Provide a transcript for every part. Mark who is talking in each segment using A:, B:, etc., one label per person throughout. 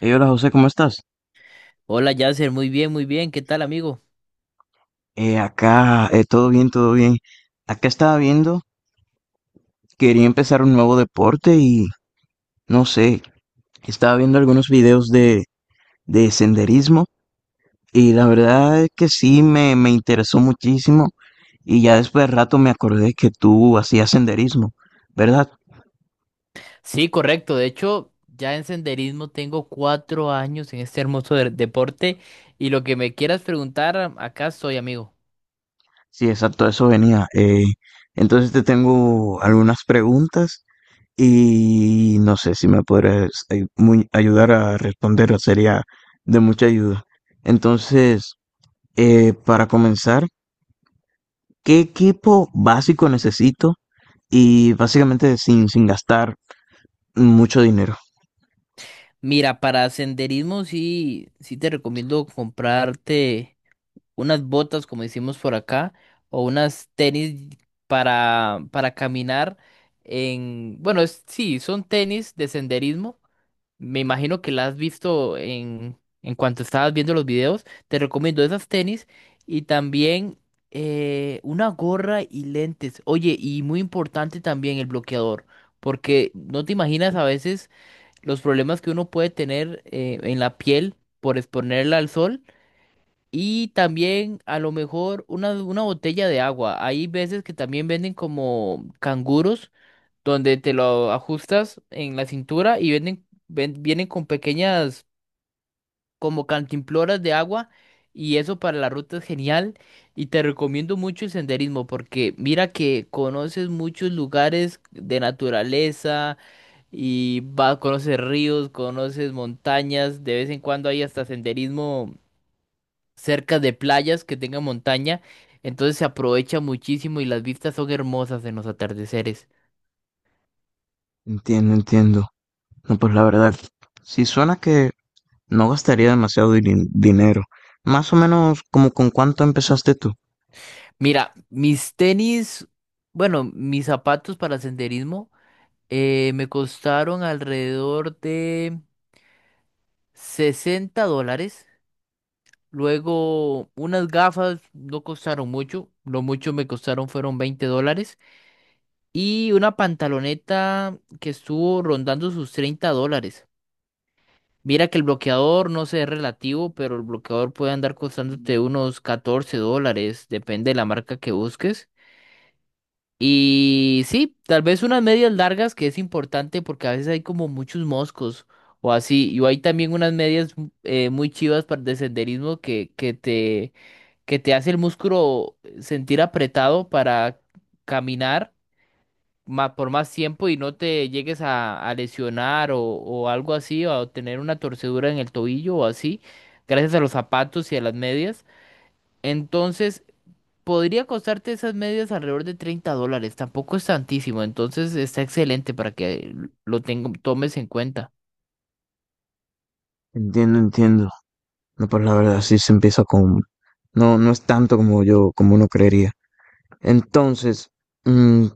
A: Hey, hola José, ¿cómo estás?
B: Hola Yasser, muy bien, ¿qué tal amigo?
A: Acá, todo bien, todo bien. Acá estaba viendo, quería empezar un nuevo deporte y no sé, estaba viendo algunos videos de senderismo y la verdad es que sí me interesó muchísimo y ya después de rato me acordé que tú hacías senderismo, ¿verdad?
B: Sí, correcto, de hecho ya en senderismo tengo 4 años en este hermoso deporte y lo que me quieras preguntar, acá estoy amigo.
A: Sí, exacto, eso venía. Entonces te tengo algunas preguntas. Y no sé si me podrías ayudar a responder, sería de mucha ayuda. Entonces, para comenzar, ¿qué equipo básico necesito? Y básicamente sin gastar mucho dinero.
B: Mira, para senderismo sí, sí te recomiendo comprarte unas botas como decimos por acá o unas tenis para caminar bueno, sí, son tenis de senderismo. Me imagino que la has visto en cuanto estabas viendo los videos. Te recomiendo esas tenis y también una gorra y lentes. Oye, y muy importante también el bloqueador, porque no te imaginas a veces los problemas que uno puede tener en la piel por exponerla al sol. Y también a lo mejor una botella de agua. Hay veces que también venden como canguros donde te lo ajustas en la cintura y venden, vienen con pequeñas como cantimploras de agua, y eso para la ruta es genial, y te recomiendo mucho el senderismo porque mira que conoces muchos lugares de naturaleza y vas, conoces ríos, conoces montañas, de vez en cuando hay hasta senderismo cerca de playas que tengan montaña, entonces se aprovecha muchísimo y las vistas son hermosas en los atardeceres.
A: Entiendo, entiendo. No, pues la verdad, si suena que no gastaría dinero. Más o menos como con cuánto empezaste tú.
B: Mira, mis tenis, bueno, mis zapatos para senderismo me costaron alrededor de 60 dólares. Luego, unas gafas no costaron mucho, lo mucho me costaron fueron 20 dólares. Y una pantaloneta que estuvo rondando sus 30 dólares. Mira que el bloqueador no sé, es relativo, pero el bloqueador puede andar costándote unos 14 dólares, depende de la marca que busques. Y sí, tal vez unas medias largas que es importante porque a veces hay como muchos moscos o así. Y hay también unas medias muy chivas para de senderismo que te hace el músculo sentir apretado para caminar por más tiempo y no te llegues a lesionar o algo así, o a tener una torcedura en el tobillo o así, gracias a los zapatos y a las medias. Entonces, podría costarte esas medias alrededor de 30 dólares, tampoco es tantísimo, entonces está excelente para que lo tomes en cuenta.
A: Entiendo, entiendo. No, pues la verdad sí se empieza con... No, no es tanto como yo, como uno creería. Entonces, mm,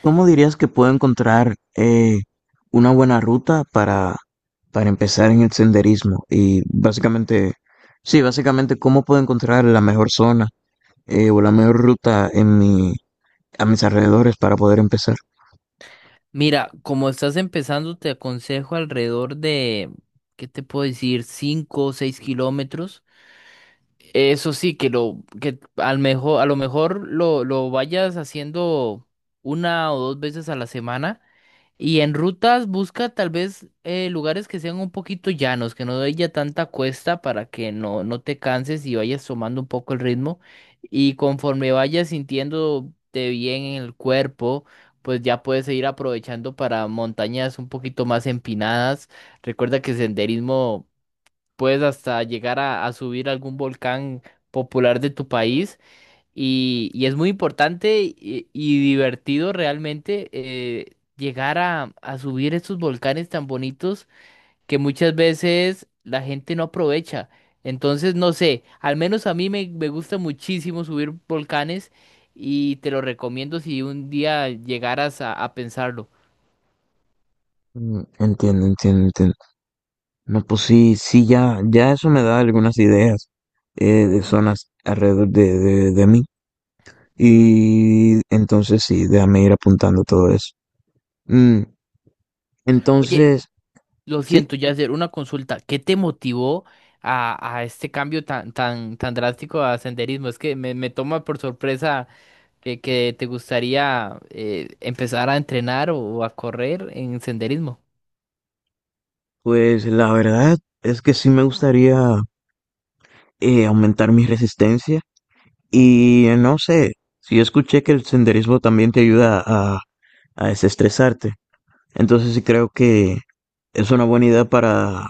A: ¿cómo dirías que puedo encontrar una buena ruta para empezar en el senderismo? Y básicamente, sí, básicamente, ¿cómo puedo encontrar la mejor zona o la mejor ruta en a mis alrededores para poder empezar?
B: Mira, como estás empezando, te aconsejo alrededor de, ¿qué te puedo decir? 5 o 6 kilómetros. Eso sí, a lo mejor lo vayas haciendo una o dos veces a la semana. Y en rutas busca tal vez lugares que sean un poquito llanos, que no haya tanta cuesta para que no te canses y vayas tomando un poco el ritmo. Y conforme vayas sintiéndote bien en el cuerpo, pues ya puedes ir aprovechando para montañas un poquito más empinadas. Recuerda que senderismo puedes hasta llegar a subir algún volcán popular de tu país. Y es muy importante y divertido realmente, llegar a subir estos volcanes tan bonitos que muchas veces la gente no aprovecha. Entonces, no sé, al menos a mí me gusta muchísimo subir volcanes y te lo recomiendo si un día llegaras a pensarlo.
A: Mm, entiendo, entiendo, entiendo. No, pues sí, sí, ya, ya eso me da algunas ideas de zonas de mí. Y entonces sí, déjame ir apuntando todo eso. Mm,
B: Oye,
A: entonces,
B: lo
A: sí,
B: siento, ya hacer una consulta. ¿Qué te motivó a este cambio tan, tan, tan drástico a senderismo? Es que me toma por sorpresa que te gustaría empezar a entrenar o a correr en senderismo.
A: pues la verdad es que sí me gustaría aumentar mi resistencia y no sé, sí escuché que el senderismo también te ayuda a desestresarte. Entonces sí creo que es una buena idea para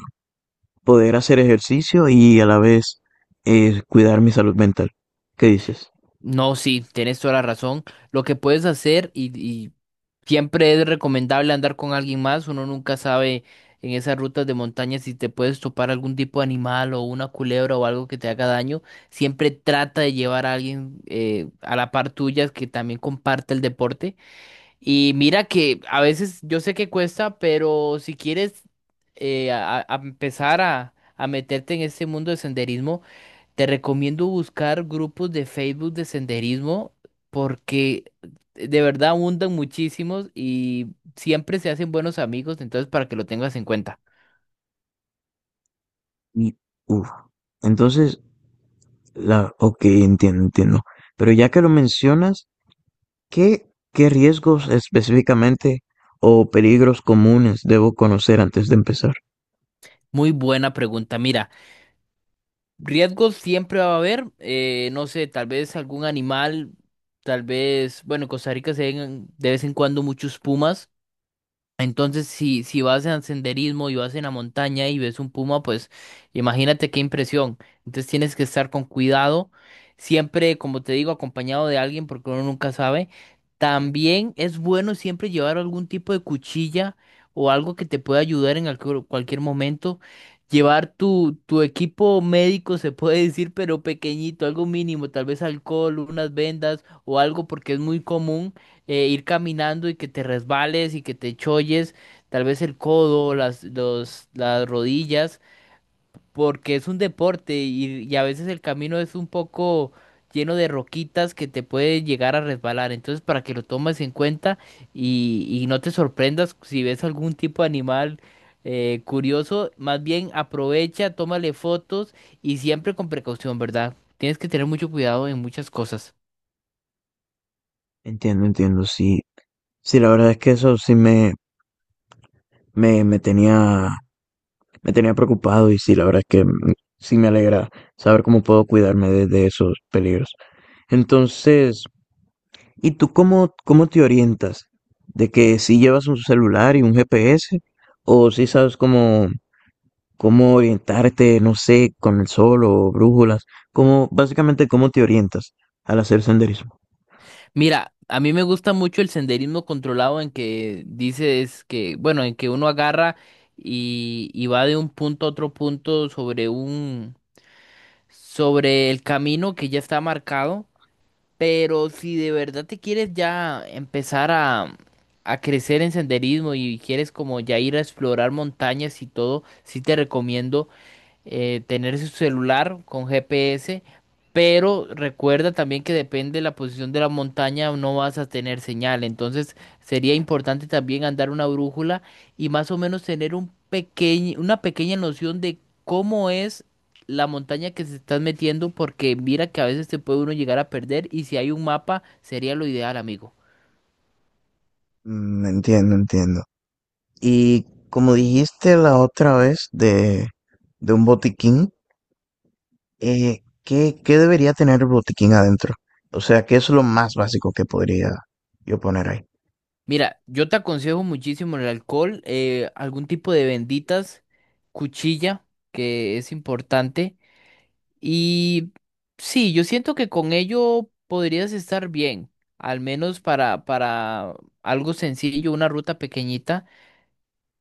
A: poder hacer ejercicio y a la vez, cuidar mi salud mental. ¿Qué dices?
B: No, sí, tienes toda la razón. Lo que puedes hacer y siempre es recomendable andar con alguien más. Uno nunca sabe en esas rutas de montaña si te puedes topar algún tipo de animal o una culebra o algo que te haga daño. Siempre trata de llevar a alguien, a la par tuya, que también comparte el deporte. Y mira que a veces yo sé que cuesta, pero si quieres, a empezar a meterte en este mundo de senderismo, te recomiendo buscar grupos de Facebook de senderismo porque de verdad abundan muchísimos y siempre se hacen buenos amigos, entonces para que lo tengas en cuenta.
A: Y, uf. Entonces, ok, entiendo, entiendo. Pero ya que lo mencionas, ¿qué riesgos específicamente o peligros comunes debo conocer antes de empezar?
B: Muy buena pregunta. Mira, riesgos siempre va a haber, no sé, tal vez algún animal, tal vez, bueno, en Costa Rica se ven de vez en cuando muchos pumas. Entonces, si vas en senderismo y vas en la montaña y ves un puma, pues imagínate qué impresión. Entonces tienes que estar con cuidado, siempre, como te digo, acompañado de alguien porque uno nunca sabe. También es bueno siempre llevar algún tipo de cuchilla o algo que te pueda ayudar en cualquier momento. Llevar tu equipo médico, se puede decir, pero pequeñito, algo mínimo, tal vez alcohol, unas vendas o algo porque es muy común ir caminando y que te resbales y que te cholles, tal vez el codo, las, los, las rodillas, porque es un deporte y a veces el camino es un poco lleno de roquitas que te puede llegar a resbalar. Entonces, para que lo tomes en cuenta y no te sorprendas si ves algún tipo de animal, curioso, más bien aprovecha, tómale fotos y siempre con precaución, ¿verdad? Tienes que tener mucho cuidado en muchas cosas.
A: Entiendo, entiendo, sí. Sí, la verdad es que eso sí me, me tenía, me tenía preocupado y sí, la verdad es que sí me alegra saber cómo puedo cuidarme de esos peligros. Entonces, ¿y tú cómo te orientas? ¿De que si llevas un celular y un GPS o si sabes cómo orientarte, no sé, con el sol o brújulas, cómo, básicamente cómo te orientas al hacer senderismo.
B: Mira, a mí me gusta mucho el senderismo controlado en que dices que, bueno, en que uno agarra y va de un punto a otro punto sobre sobre el camino que ya está marcado, pero si de verdad te quieres ya empezar a crecer en senderismo y quieres como ya ir a explorar montañas y todo, sí te recomiendo tener su celular con GPS, pero recuerda también que depende de la posición de la montaña, no vas a tener señal. Entonces sería importante también andar una brújula y más o menos tener un pequeño, una pequeña noción de cómo es la montaña que se estás metiendo, porque mira que a veces te puede uno llegar a perder y si hay un mapa sería lo ideal, amigo.
A: Mm, entiendo, entiendo. Y como dijiste la otra vez de un botiquín, ¿qué, qué debería tener el botiquín adentro? O sea, ¿qué es lo más básico que podría yo poner ahí?
B: Mira, yo te aconsejo muchísimo el alcohol, algún tipo de benditas, cuchilla, que es importante. Y sí, yo siento que con ello podrías estar bien, al menos para algo sencillo, una ruta pequeñita,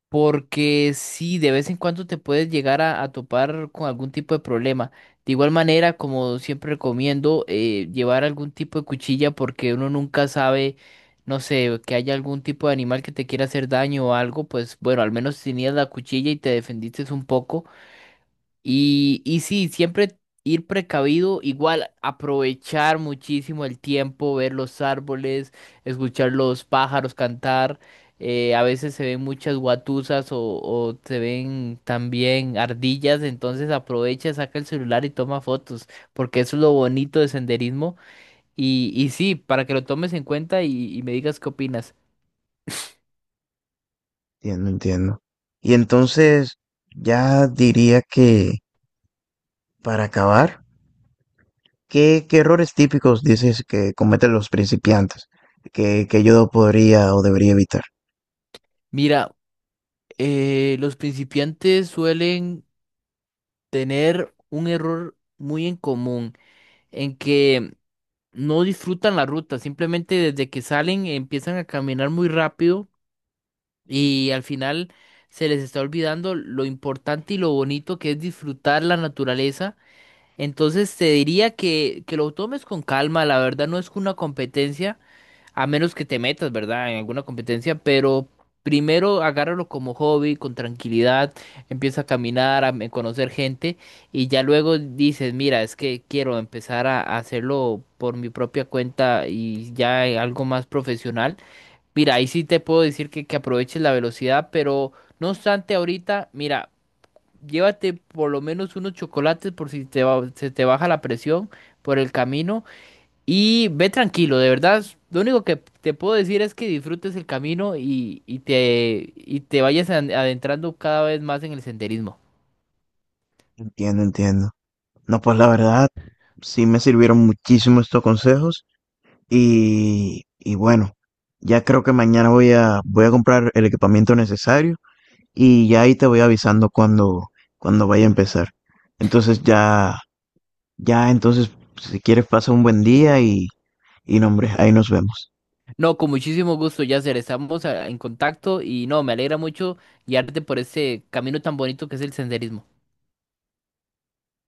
B: porque sí, de vez en cuando te puedes llegar a topar con algún tipo de problema. De igual manera, como siempre recomiendo, llevar algún tipo de cuchilla porque uno nunca sabe, no sé, que haya algún tipo de animal que te quiera hacer daño o algo, pues bueno, al menos tenías la cuchilla y te defendiste un poco. Y sí, siempre ir precavido, igual aprovechar muchísimo el tiempo, ver los árboles, escuchar los pájaros cantar. A veces se ven muchas guatusas o se ven también ardillas, entonces aprovecha, saca el celular y toma fotos, porque eso es lo bonito de senderismo. Y sí, para que lo tomes en cuenta y me digas qué opinas.
A: Entiendo, entiendo. Y entonces, ya diría que para acabar, ¿qué, qué errores típicos dices que cometen los principiantes que yo podría o debería evitar?
B: Mira, los principiantes suelen tener un error muy en común en que no disfrutan la ruta, simplemente desde que salen empiezan a caminar muy rápido y al final se les está olvidando lo importante y lo bonito que es disfrutar la naturaleza. Entonces te diría que lo tomes con calma, la verdad no es una competencia. A menos que te metas, ¿verdad? En alguna competencia, pero primero agárralo como hobby, con tranquilidad, empieza a caminar, a conocer gente y ya luego dices, mira, es que quiero empezar a hacerlo por mi propia cuenta y ya, algo más profesional. Mira, ahí sí te puedo decir que aproveches la velocidad, pero no obstante, ahorita, mira, llévate por lo menos unos chocolates por si se te baja la presión por el camino. Y ve tranquilo, de verdad. Lo único que te puedo decir es que disfrutes el camino y te vayas adentrando cada vez más en el senderismo.
A: Entiendo, entiendo. No, pues la verdad, sí me sirvieron muchísimo estos consejos y bueno, ya creo que mañana voy a comprar el equipamiento necesario y ya ahí te voy avisando cuando vaya a empezar. Entonces ya, ya entonces, si quieres pasa un buen día y no, hombre, ahí nos vemos.
B: No, con muchísimo gusto, Yasser. Estamos, en contacto y no, me alegra mucho guiarte por ese camino tan bonito que es el senderismo.